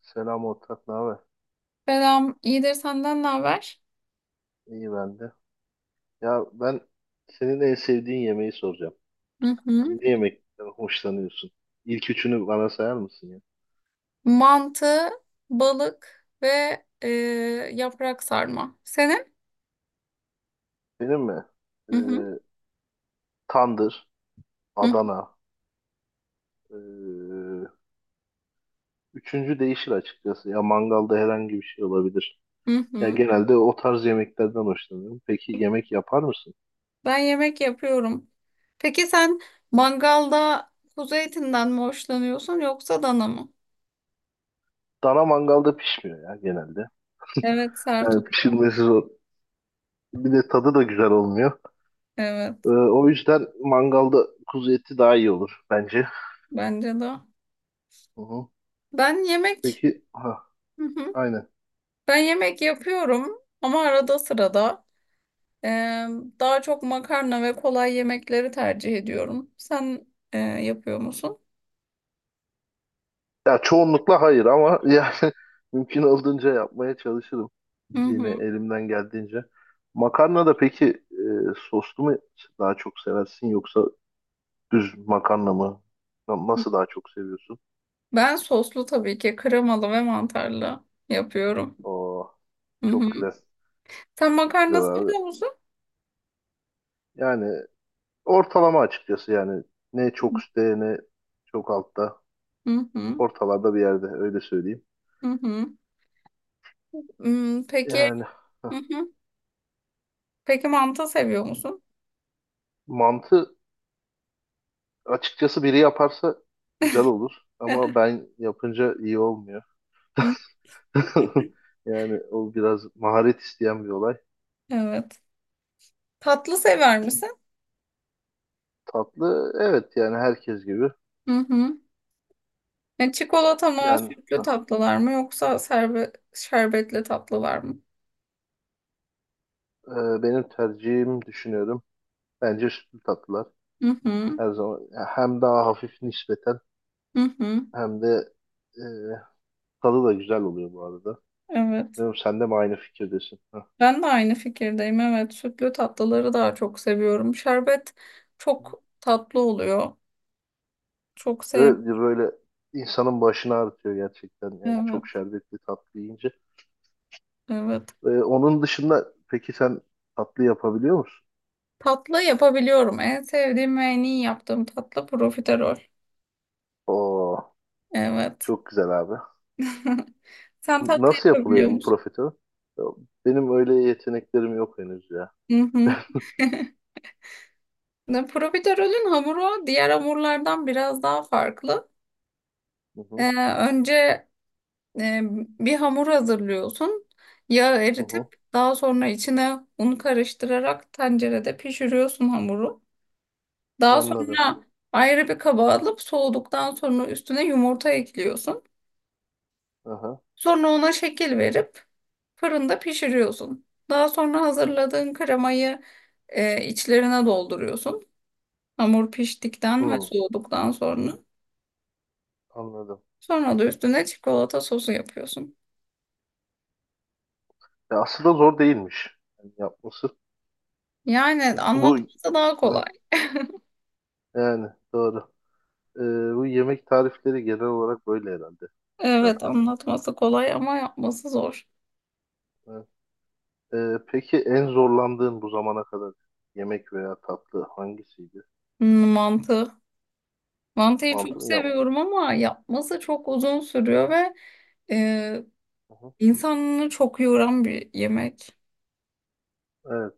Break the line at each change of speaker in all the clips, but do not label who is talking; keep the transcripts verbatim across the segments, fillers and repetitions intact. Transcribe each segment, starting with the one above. Selam ortak, ne haber?
Selam, iyidir senden ne haber?
İyi ben de. Ya ben senin en sevdiğin yemeği soracağım.
Hı hı.
Ne yemekten hoşlanıyorsun? İlk üçünü bana sayar mısın ya?
Mantı, balık ve e, yaprak sarma. Senin?
Benim mi? Ee,
Hı hı.
Tandır,
Hı
Adana. Ee, Üçüncü değişir açıkçası. Ya mangalda herhangi bir şey olabilir.
hı.
Ya
Hı.
genelde o tarz yemeklerden hoşlanıyorum. Peki yemek yapar mısın?
Ben yemek yapıyorum. Peki sen mangalda kuzu etinden mi hoşlanıyorsun yoksa dana mı?
Dana mangalda pişmiyor ya genelde.
Evet, sert
Yani
oluyor.
pişirmesi zor. Bir de tadı da güzel olmuyor. Ee,
Evet,
o yüzden mangalda kuzu eti daha iyi olur bence.
bence de.
Hı hı.
Ben yemek,
Peki, ha,
hı hı.
aynen.
Ben yemek yapıyorum ama arada sırada. Ee, Daha çok makarna ve kolay yemekleri tercih ediyorum. Sen e, yapıyor musun?
Ya çoğunlukla hayır ama yani mümkün olduğunca yapmaya çalışırım.
Hı
Yine
hı.
elimden geldiğince. Makarna da peki e, soslu mu daha çok seversin yoksa düz makarna mı? Na- Nasıl daha çok seviyorsun?
Ben soslu tabii ki kremalı ve mantarlı yapıyorum.
Oo,
Hı
çok
hı.
güzel.
Sen
Çok güzel
makarna
abi.
seviyor musun?
Yani ortalama açıkçası, yani ne çok üstte ne çok altta.
Hı hı.
Ortalarda bir yerde, öyle söyleyeyim.
Hı hı. Hmm, peki,
Yani
hı hı. Peki manta seviyor musun?
mantı. Açıkçası biri yaparsa güzel olur ama ben yapınca iyi olmuyor.
Hı,
Yani o biraz maharet isteyen bir olay.
evet. Tatlı sever misin?
Tatlı, evet, yani herkes gibi.
Hı hı. Yani çikolata mı,
Yani
sütlü
hah,
tatlılar mı yoksa serbe şerbetli tatlılar mı?
e, benim tercihim, düşünüyorum. Bence sütlü tatlılar
Hı hı.
her zaman hem daha hafif nispeten
Hı hı.
hem de e, tadı da güzel oluyor bu arada.
Evet.
Bilmiyorum, sen de mi aynı fikirdesin? Hah.
Ben de aynı fikirdeyim. Evet, sütlü tatlıları daha çok seviyorum. Şerbet çok tatlı oluyor. Çok sev.
Evet, böyle insanın başını ağrıtıyor gerçekten. Yani
Evet,
çok şerbetli tatlı yiyince.
evet.
Ee, onun dışında peki sen tatlı yapabiliyor musun?
Tatlı yapabiliyorum. En sevdiğim ve en iyi yaptığım tatlı profiterol.
Oo,
Evet.
çok güzel abi.
Sen tatlı
Nasıl yapılıyor
yapabiliyor
bu
musun?
profiterol? Ya, benim öyle yeteneklerim yok henüz ya.
Hı hı. Ne, profiterolün hamuru diğer hamurlardan biraz daha farklı.
Hı hı,
Ee, Önce e, bir hamur hazırlıyorsun. Yağı
hı hı.
eritip daha sonra içine un karıştırarak tencerede pişiriyorsun hamuru. Daha
Anladım.
sonra ayrı bir kaba alıp soğuduktan sonra üstüne yumurta ekliyorsun.
Aha.
Sonra ona şekil verip fırında pişiriyorsun. Daha sonra hazırladığın kremayı e, içlerine dolduruyorsun. Hamur piştikten ve
Hı,
soğuduktan sonra.
anladım.
Sonra da üstüne çikolata sosu yapıyorsun.
Ya aslında zor değilmiş yani yapması.
Yani
Bu
anlatması daha
Hı,
kolay.
yani doğru. Ee, Bu yemek tarifleri genel olarak böyle herhalde
Evet
zaten.
anlatması kolay ama yapması zor.
Hı. Ee, peki en zorlandığın bu zamana kadar yemek veya tatlı hangisiydi?
Hmm, mantı. Mantıyı
Mantı
çok
mı yapma?
seviyorum ama yapması çok uzun sürüyor ve e,
Hı
insanını çok yoran bir yemek.
hı.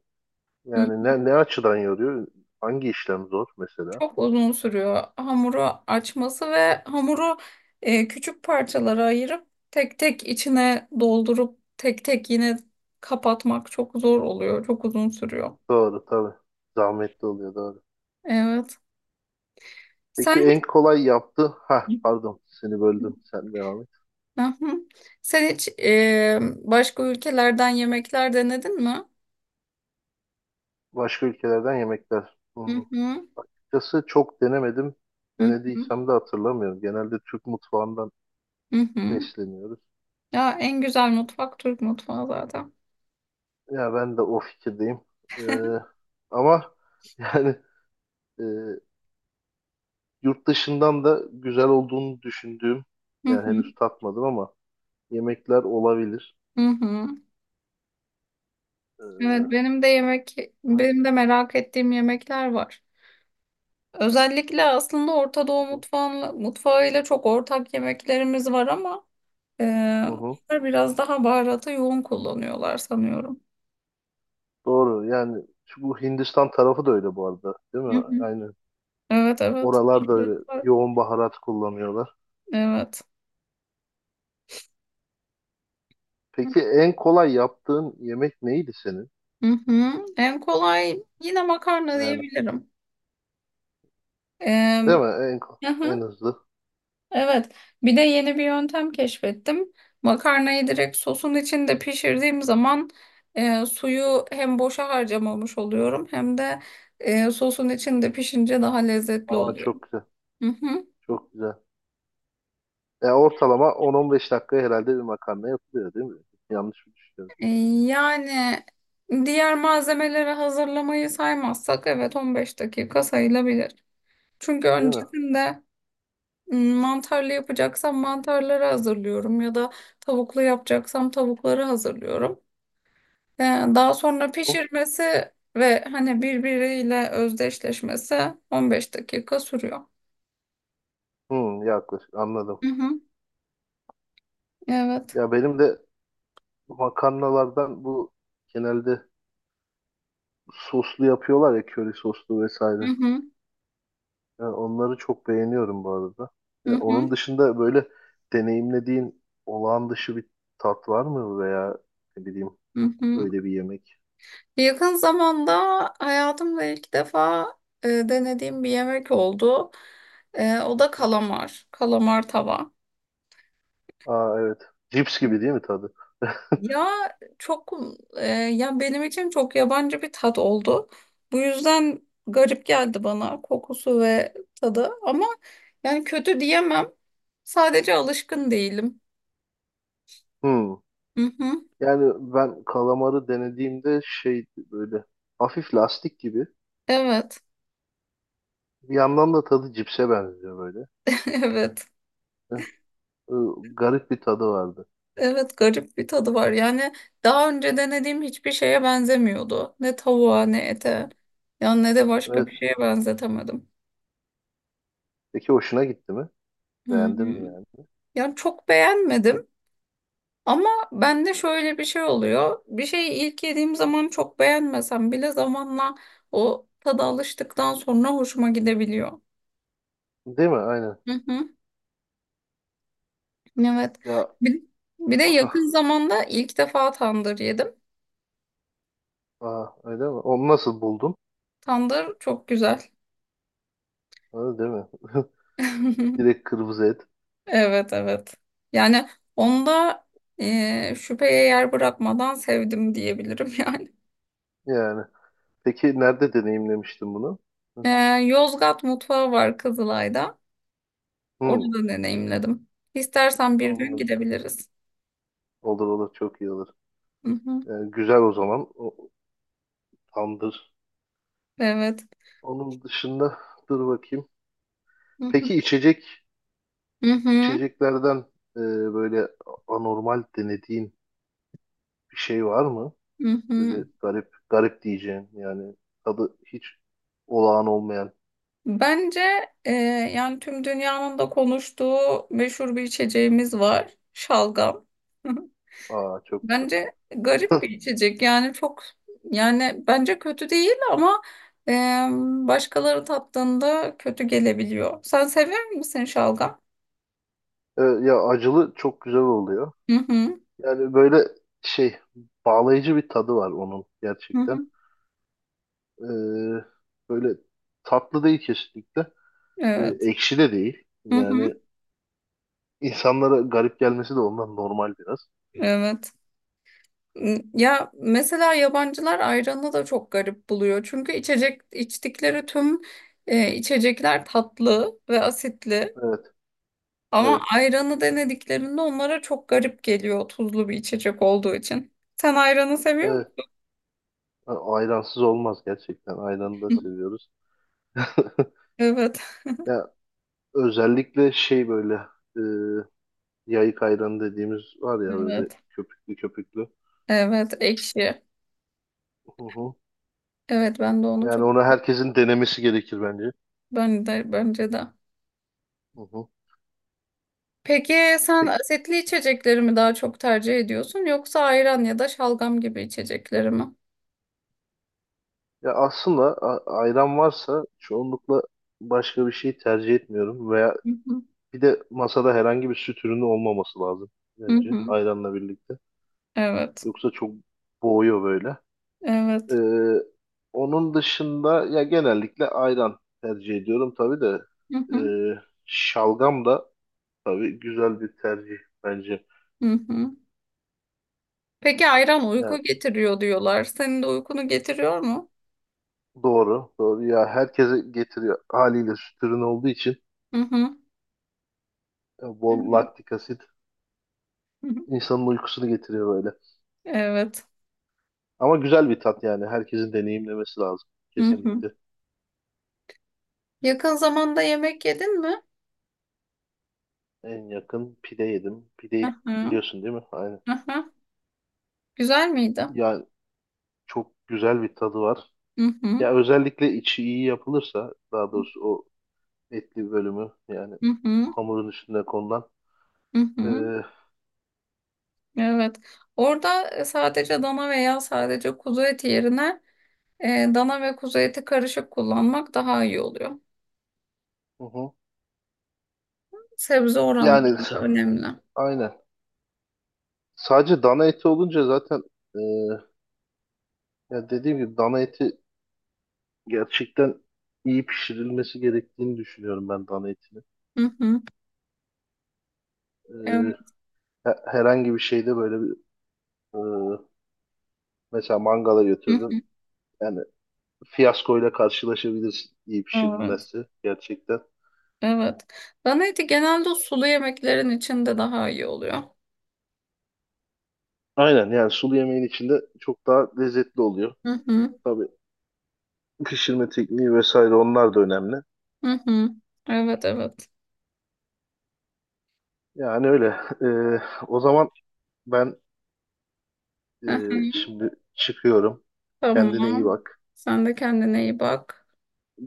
Hı,
Yani ne, ne açıdan yoruyor? Hangi işlem zor mesela?
çok uzun sürüyor hamuru açması ve hamuru e, küçük parçalara ayırıp tek tek içine doldurup tek tek yine kapatmak çok zor oluyor. Çok uzun sürüyor.
Doğru tabii. Zahmetli oluyor, doğru.
Evet. Sen
Peki en kolay yaptı. Ha, pardon, seni
hiç...
böldüm. Sen devam et.
Hı hı. Sen hiç e, başka ülkelerden yemekler denedin mi?
Başka ülkelerden yemekler.
Hı
Hmm.
hı.
Açıkçası çok denemedim.
Hı hı.
Denediysem de hatırlamıyorum. Genelde Türk mutfağından
Hı hı.
besleniyoruz.
Ya en güzel mutfak Türk mutfağı zaten.
Ya ben de o fikirdeyim. Ee, Ama yani e, yurt dışından da güzel olduğunu düşündüğüm,
Hı
yani
hı.
henüz tatmadım ama, yemekler olabilir.
Hı hı. Evet
Ee,
benim de yemek
Aynen.
benim de merak ettiğim yemekler var. Özellikle aslında Orta
Hı
Doğu
hı.
mutfağıyla, mutfağıyla çok ortak yemeklerimiz var ama e,
Hı hı.
onlar biraz daha baharatı yoğun kullanıyorlar sanıyorum.
Doğru. Yani şu, bu Hindistan tarafı da öyle bu arada, değil
Hı
mi?
hı.
Aynen.
Evet evet.
Oralar da öyle yoğun baharat kullanıyorlar.
Evet.
Peki en kolay yaptığın yemek neydi senin?
Hı hı. En kolay yine makarna
Yani,
diyebilirim.
değil
Ee,
mi? En ko-
aha,
en hızlı.
evet. Bir de yeni bir yöntem keşfettim. Makarnayı direkt sosun içinde pişirdiğim zaman e, suyu hem boşa harcamamış oluyorum hem de e, sosun içinde pişince daha lezzetli
Ama
oluyor.
çok güzel.
Hı hı.
Çok güzel. E ortalama on on beş dakikaya herhalde bir makarna yapılıyor, değil mi? Yanlış mı düşünüyorum?
E, yani diğer malzemeleri hazırlamayı saymazsak evet on beş dakika sayılabilir. Çünkü
Değil mi?
öncesinde mantarlı yapacaksam mantarları hazırlıyorum ya da tavuklu yapacaksam tavukları hazırlıyorum. Ee, Daha sonra
Hı?
pişirmesi ve hani birbiriyle özdeşleşmesi on beş dakika sürüyor.
Hı, yaklaşık anladım.
Hı hı. Evet.
Ya benim de makarnalardan bu genelde soslu yapıyorlar ya, köri soslu
Hı
vesaire.
hı.
Yani onları çok beğeniyorum bu arada.
Hı
Yani onun
hı.
dışında böyle deneyimlediğin olağan dışı bir tat var mı veya ne bileyim
Hı hı.
öyle bir yemek?
Yakın zamanda hayatımda ilk defa e, denediğim bir yemek oldu. E, o
Hı
da
hı.
kalamar, kalamar tava.
Aa, evet. Cips gibi değil mi tadı?
Ya çok e, ya benim için çok yabancı bir tat oldu. Bu yüzden garip geldi bana kokusu ve tadı ama yani kötü diyemem. Sadece alışkın değilim.
Hmm.
Hı hı.
Yani ben kalamarı denediğimde şey, böyle hafif lastik gibi.
Evet.
Bir yandan da tadı cipse benziyor böyle.
Evet.
Heh, ı, garip bir tadı vardı.
Evet garip bir tadı var. Yani daha önce denediğim hiçbir şeye benzemiyordu. Ne tavuğa ne
Hı hı.
ete. Yani ne de başka
Evet.
bir şeye benzetemedim.
Peki hoşuna gitti mi?
Hı
Beğendin mi
hı.
yani?
Yani çok beğenmedim. Ama bende şöyle bir şey oluyor. Bir şeyi ilk yediğim zaman çok beğenmesem bile zamanla o tada alıştıktan sonra hoşuma gidebiliyor.
Değil mi? Aynen.
Hı hı. Evet.
Ya
Bir, bir de
ah,
yakın zamanda ilk defa tandır yedim.
aa, öyle mi? Onu nasıl buldun?
Tandır çok güzel.
Öyle değil mi? Direkt kırmızı et.
Evet evet. Yani onda e, şüpheye yer bırakmadan sevdim diyebilirim yani.
Yani. Peki nerede deneyimlemiştin bunu?
E,
Hı,
Yozgat mutfağı var Kızılay'da.
hı,
Orada deneyimledim. İstersen bir gün
anladım.
gidebiliriz.
Olur olur, çok iyi olur.
Hı hı.
Yani güzel o zaman. O, tamdır.
Evet.
Onun dışında dur bakayım.
Hı hı.
Peki içecek
Hı hı.
içeceklerden e, böyle anormal denediğin bir şey var mı?
Hı hı.
Böyle garip garip diyeceğin, yani tadı hiç olağan olmayan.
Bence e, yani tüm dünyanın da konuştuğu meşhur bir içeceğimiz var. Şalgam. Hı hı.
Aa, çok güzel.
Bence garip bir içecek. Yani çok yani bence kötü değil ama e, başkaları tattığında kötü gelebiliyor. Sen seviyor musun şalgam?
E, ya acılı çok güzel oluyor.
Hı hı.
Yani böyle şey, bağlayıcı bir tadı var onun
Hı
gerçekten.
hı.
Ee, Böyle tatlı değil kesinlikle. Ee,
Evet.
Ekşi de değil.
Hı
Yani
hı.
insanlara garip gelmesi de ondan, normal biraz.
Evet. Ya mesela yabancılar ayranı da çok garip buluyor. Çünkü içecek içtikleri tüm e, içecekler tatlı ve asitli.
Evet,
Ama
evet,
ayranı denediklerinde onlara çok garip geliyor tuzlu bir içecek olduğu için. Sen ayranı seviyor
evet.
musun?
A- Ayransız olmaz gerçekten. Ayranı da seviyoruz.
Evet,
Ya özellikle şey, böyle e, yayık ayranı dediğimiz var ya, böyle
evet,
köpüklü köpüklü.
evet, ekşi.
Hı hı.
Evet, ben de onu çok
Yani onu herkesin denemesi gerekir bence.
ben de bence de.
Hı hı.
Peki sen
Peki.
asitli içecekleri mi daha çok tercih ediyorsun yoksa ayran ya da şalgam gibi içecekleri mi?
Ya aslında a- ayran varsa çoğunlukla başka bir şey tercih etmiyorum, veya
Hı hı.
bir de masada herhangi bir süt ürünü olmaması lazım
Hı
bence
hı.
ayranla birlikte.
Evet.
Yoksa çok boğuyor böyle.
Evet.
Ee, Onun dışında ya genellikle ayran tercih ediyorum tabii de,
Hı hı.
ee, şalgam da tabii güzel bir tercih bence.
Hı hı. Peki ayran
Yani
uyku getiriyor diyorlar. Senin de uykunu getiriyor mu?
doğru, doğru. Ya herkese getiriyor haliyle, süt ürünü olduğu için
Hı hı.
e,
Hı
bol
hı.
laktik asit
Hı hı.
insanın uykusunu getiriyor böyle.
Evet.
Ama güzel bir tat yani. Herkesin deneyimlemesi lazım.
Hı hı.
Kesinlikle.
Yakın zamanda yemek yedin mi?
En yakın pide yedim.
Hı
Pideyi
hı.
biliyorsun değil mi? Aynen.
Hı hı. Güzel miydi?
Ya çok güzel bir tadı var.
Hı hı.
Ya özellikle içi iyi yapılırsa, daha doğrusu o etli bölümü, yani
Hı hı.
hamurun üstüne konulan.
Hı
Ee,
hı.
hı
Evet. Orada e, sadece dana veya sadece kuzu eti yerine e, dana ve kuzu eti karışık kullanmak daha iyi oluyor.
hı.
Sebze
Yani
oranları
s-
da önemli.
aynen. Sadece dana eti olunca zaten, ee, ya dediğim gibi dana eti gerçekten iyi pişirilmesi gerektiğini düşünüyorum ben, dana etini.
Hı hı. Evet.
Ee, he- Herhangi bir şeyde böyle bir. Ee, Mesela mangala
Hı
götürdüm.
hı.
Yani fiyaskoyla karşılaşabilirsin iyi
Evet.
pişirilmezse gerçekten.
Evet. Bana eti genelde o sulu yemeklerin içinde daha iyi oluyor.
Aynen, yani sulu yemeğin içinde çok daha lezzetli oluyor.
Hı hı.
Tabii pişirme tekniği vesaire, onlar da önemli.
Hı hı. Evet evet.
Yani öyle. Ee, O zaman ben e,
Hı hı.
şimdi çıkıyorum. Kendine iyi
Tamam.
bak.
Sen de kendine iyi bak.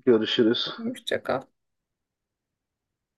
Görüşürüz.
Hoşça kal.